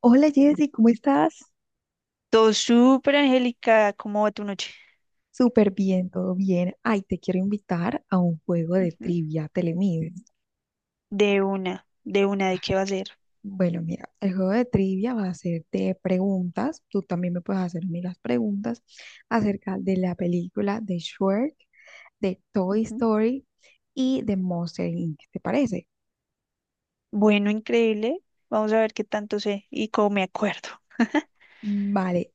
Hola Jessy, ¿cómo estás? Todo súper Angélica, ¿cómo va tu noche? Súper bien, todo bien. Ay, te quiero invitar a un juego de Ujú. trivia, Telemín. De una, de una, ¿de qué va a ser? Bueno, mira, el juego de trivia va a ser de preguntas. Tú también me puedes hacer a mí las preguntas acerca de la película de Shrek, de Toy Ujú. Story y de Monster Inc. ¿Te parece? Bueno, increíble. Vamos a ver qué tanto sé y cómo me acuerdo. Vale.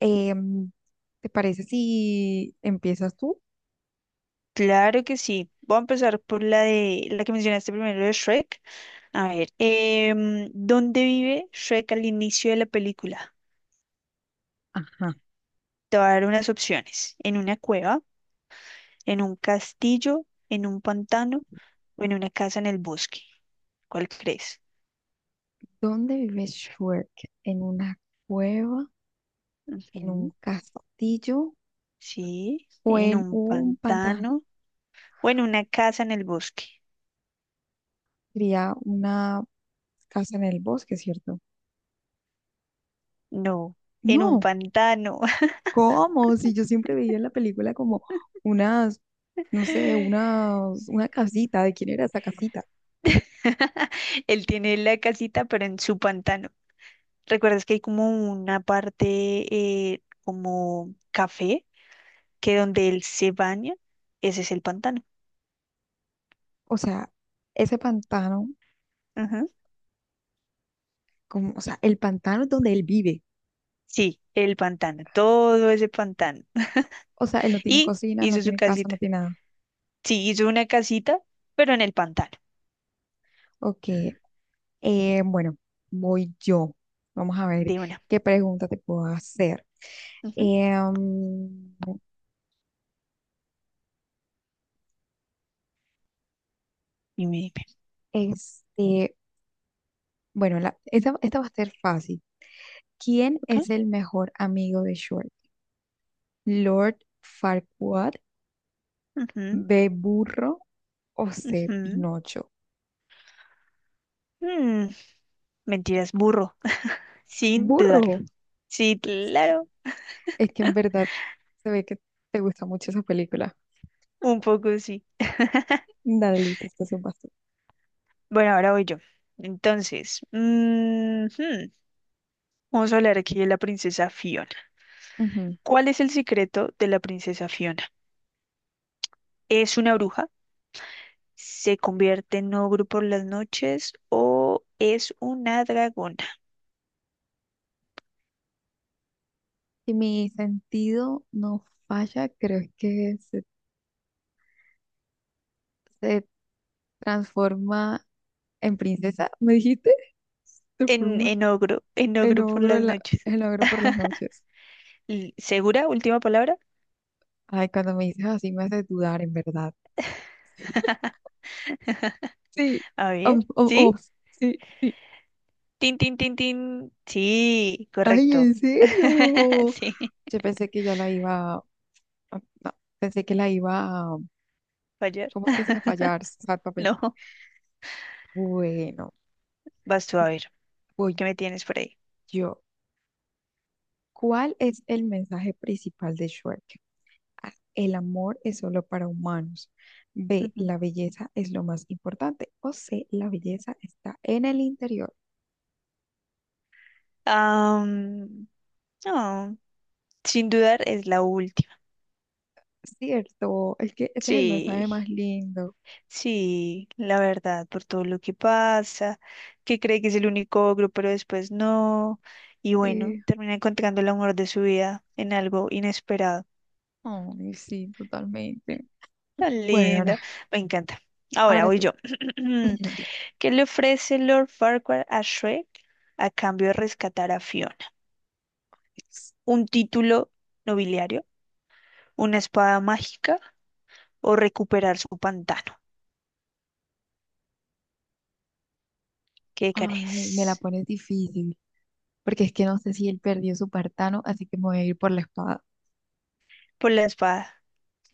em, ¿Te parece si empiezas tú? Claro que sí. Voy a empezar por la de la que mencionaste primero de Shrek. A ver, ¿dónde vive Shrek al inicio de la película? Ajá. Te voy a dar unas opciones. ¿En una cueva, en un castillo, en un pantano o en una casa en el bosque? ¿Cuál crees? ¿Dónde vive Shrek? ¿En una cueva? ¿En un Ujú. castillo Sí, o en en un un pantano? pantano o en una casa en el bosque. Quería una casa en el bosque, ¿cierto? No, en un No, pantano. ¿cómo? Si yo siempre veía en la película como unas, no sé, una casita, ¿de quién era esa casita? Él tiene la casita, pero en su pantano. ¿Recuerdas que hay como una parte como café, que donde él se baña? Ese es el pantano. O sea, ese pantano, Ajá. como, o sea, el pantano es donde él vive. Sí, el pantano, todo ese pantano. O sea, él no tiene Y cocina, no hizo su tiene casa, no casita. tiene nada. Sí, hizo una casita, pero en el pantano, Ok, bueno, voy yo. Vamos a ver de una. qué pregunta te puedo hacer. Ujú. Em, Dime, dime. este, Bueno, esta va a ser fácil. ¿Quién es Ok. el mejor amigo de Short? ¿Lord Farquaad, Ujú, B. Burro o C. ujú. Pinocho? Mm, mentiras, burro, sin dudarlo. Burro. Sí, Es que, claro, es que en verdad se ve que te gusta mucho esa película. un poco sí. Dale, listo, este es un paso. Bueno, ahora voy yo. Entonces, vamos a hablar aquí de la princesa Fiona. Ujú. ¿Cuál es el secreto de la princesa Fiona? ¿Es una bruja? ¿Se convierte en ogro por las noches? ¿O es una dragona? Si mi sentido no falla, creo que se transforma en princesa, ¿me dijiste? Se En, transforma en ogro, en en ogro por ogro, las noches. en ogro por las noches. ¿Segura? Última palabra. Ay, cuando me dices así me haces dudar, en verdad. Sí. A ver. Oh, oh, oh, ¿Sí? sí, sí. Tin, tin, tin, tin. Sí, Ay, correcto. ¿en serio? Sí, Yo pensé que ya la iba, no, pensé que la iba, a- fallar. ¿cómo es que es? A fallar, exactamente. No, Bueno, vas tú a ver. voy ¿Qué me tienes por ahí? yo. ¿Cuál es el mensaje principal de Shrek? A, el amor es solo para humanos. B, Ujú. la belleza es lo más importante. O C, la belleza está en el interior. Am, no, sin dudar es la última. Cierto, es que ese es el Sí, mensaje más lindo. sí, la verdad, por todo lo que pasa, que cree que es el único ogro, pero después no. Y bueno, Sí. termina encontrando el amor de su vida en algo inesperado. Ay, sí, totalmente. Tan Bueno, ahora, linda. Me encanta. Ahora ahora voy tú. yo. ¿Qué le ofrece Lord Farquaad a Shrek a cambio de rescatar a Fiona? ¿Un título nobiliario? ¿Una espada mágica? ¿O recuperar su pantano? ¿Qué Ay, me la crees? pones difícil, porque es que no sé si él perdió su pantano, así que me voy a ir por la espada. Por la espada.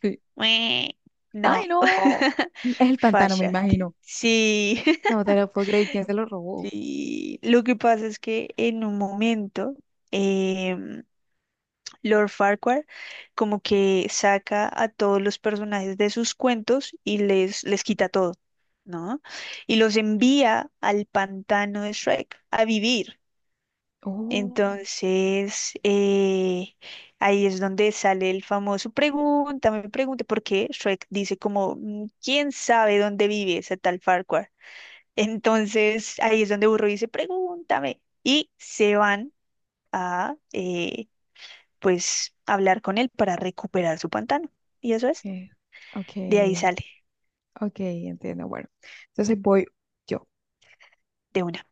Sí. Mue. Ay, No. no. Es el pantano, me Fallaste. imagino. Sí. No te lo puedo creer, ¿quién se lo robó? Sí. Lo que pasa es que en un momento em, Lord Farquhar como que saca a todos los personajes de sus cuentos y les quita todo, ¿no? Y los envía al pantano de Shrek a vivir. Oh, Entonces, ahí es donde sale el famoso pregúntame, pregunte, porque Shrek dice como, "Mm, ¿quién sabe dónde vive ese tal Farquhar?" Entonces, ahí es donde Burro dice, pregúntame. Y se van a, pues hablar con él para recuperar su pantano. Y eso es, ok, ok, de ahí sale, ok, entiendo. Bueno, entonces voy yo. de una.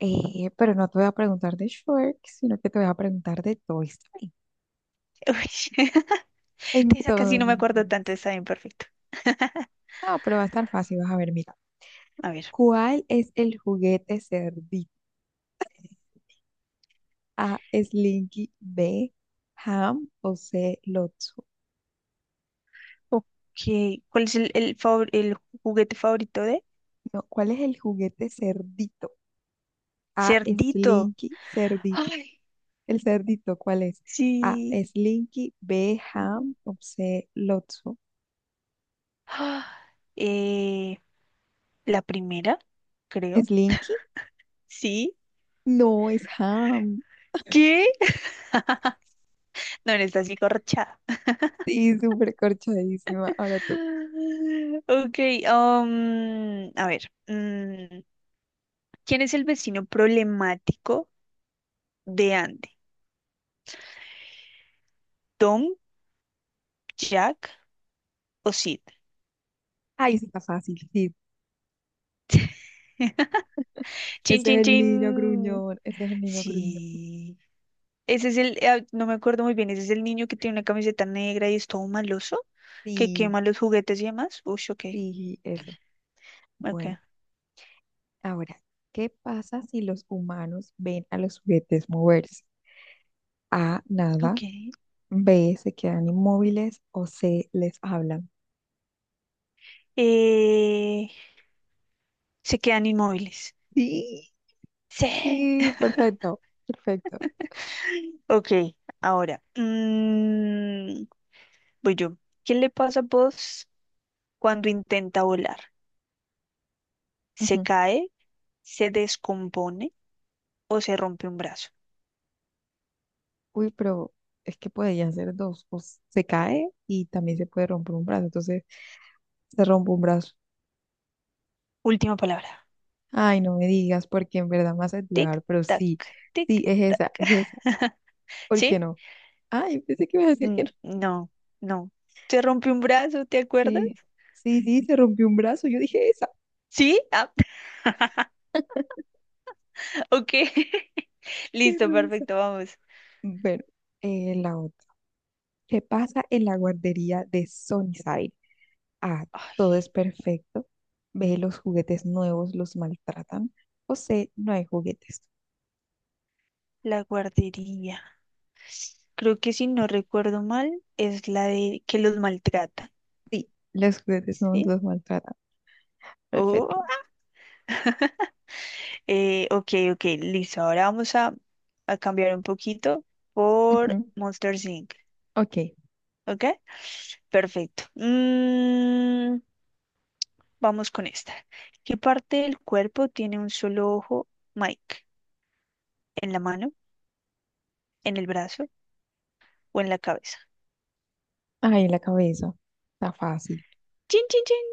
Pero no te voy a preguntar de Shrek, sino que te voy a preguntar de Toy Story. Uy, de esa casi no me acuerdo tanto, Entonces, está bien perfecto. no, pero va a estar fácil, vas a ver, mira. A ver, ¿Cuál es el juguete cerdito? A, Slinky, B, Ham o C, Lotso. ok, ¿cuál es favor- el juguete favorito de? No, ¿cuál es el juguete cerdito? A, Cerdito. Slinky, cerdito. Ay, El cerdito, ¿cuál es? A, sí. Slinky, B, Ujú. Ham o C, Lotso. Ah, eh, la primera, creo. ¿Slinky? Sí. No, es Ham. ¿Qué? No, no está así corchada. Sí, súper corchadísima. Ahora tú. Ok, a ver. Mm, ¿quién es el vecino problemático de Andy? ¿Tom, Jack o Sid? Ay, ahí está fácil, sí. Chin, Ese es chin, el niño chin. gruñón, ese es el niño gruñón. Sí. Ese es el, ah, no me acuerdo muy bien, ese es el niño que tiene una camiseta negra y es todo maloso, que Sí, quema los juguetes y demás. Uy, ok, sí, ese. ok, Bueno. Ahora, ¿qué pasa si los humanos ven a los juguetes moverse? A, nada, ok. B, se quedan inmóviles o C, les hablan. Eh, se quedan inmóviles. Sí, Sí. sí, perfecto, perfecto. Ok, ahora. Mm, voy yo. ¿Qué le pasa a vos cuando intenta volar? Se Ujú. cae, se descompone o se rompe un brazo. Uy, pero es que podrían ser dos, se cae y también se puede romper un brazo, entonces se rompe un brazo. Última palabra. Ay, no me digas, porque en verdad me hace Tic, dudar, pero sí, tac, sí, tic, es tac. esa, es esa. ¿Por ¿Sí? qué no? Ay, pensé que ibas a decir que Mm, no. no, no. Se rompe un brazo, ¿te acuerdas? Sí, sí, sí, se rompió un brazo, yo dije esa. ¿Sí? Ah, ok. Qué Listo, perfecto, vamos. bueno, la otra. ¿Qué pasa en la guardería de Sunnyside? A. Ay, Todo es perfecto. B. Los juguetes nuevos los maltratan. O C. No hay juguetes. la guardería. Creo que si no recuerdo mal, es la de que los maltratan. Sí, los juguetes nuevos ¿Sí? los maltratan. Oh, Perfecto. Ok, ok, listo. Ahora vamos a cambiar un poquito Ujú, por Monsters Inc. ok. ¿Ok? Perfecto. Mm, vamos con esta. ¿Qué parte del cuerpo tiene un solo ojo, Mike? ¿En la mano, en el brazo o en la cabeza? Ahí la cabeza. Está fácil. ¡Chin, chin, chin!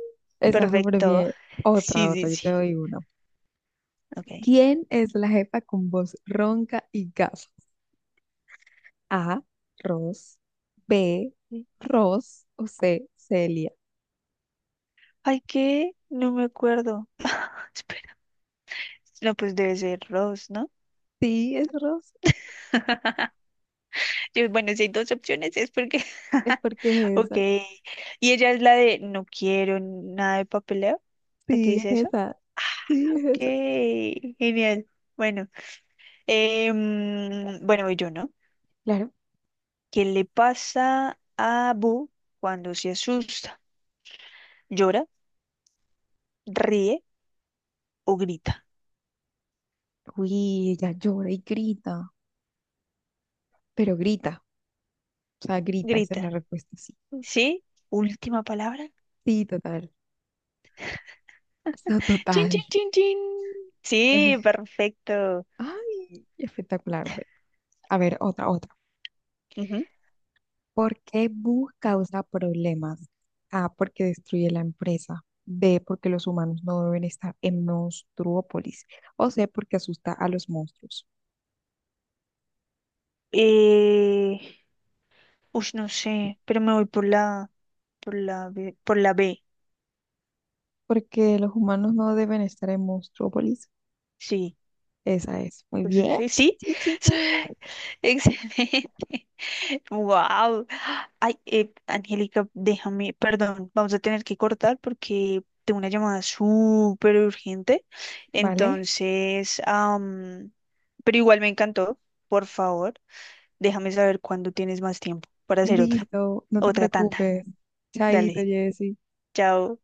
Está súper Perfecto. bien. Otra, Sí, otra. sí, Yo sí. te doy una. Ok. ¿Quién es la jefa con voz ronca y gafas? A. Ross. B. Sí. Ross. O C. Celia. Ay, ¿qué? No me acuerdo. Espera. No, pues debe ser Rose, ¿no? Sí, es Ross. Yo, bueno, si hay dos opciones es porque... Es porque es Ok. esa. ¿Y ella es la de no quiero nada de papeleo? ¿De qué Sí, dice es eso? esa. Sí, es Ok, esa. genial. Bueno, bueno, voy yo, ¿no? Claro. ¿Qué le pasa a Boo cuando se asusta? ¿Llora, ríe o grita? Uy, ella llora y grita. Pero grita. O sea, grita. Esa es Grita. la respuesta, sí. ¿Sí? Última palabra. Sí, total. So, Chin, total. chin, chin, chin. Sí, Eh, perfecto. ay, espectacular. Bueno, a ver, otra, otra. Ujú. ¿Por qué Boo causa problemas? A, porque destruye la empresa. B, porque los humanos no deben estar en Monstruópolis. O C, porque asusta a los monstruos. Eh, ush, no sé, pero me voy por la B. Porque los humanos no deben estar en Monstruópolis. Sí. Esa es. Muy Pues bien. sí, sí, Chichi. sí. Excelente. Wow. Ay, Angélica, déjame, perdón, vamos a tener que cortar porque tengo una llamada súper urgente. Vale. Entonces, pero igual me encantó. Por favor, déjame saber cuándo tienes más tiempo para hacer otra, Listo. No te otra tanda. preocupes. Chaito, Dale, Jessy. chao.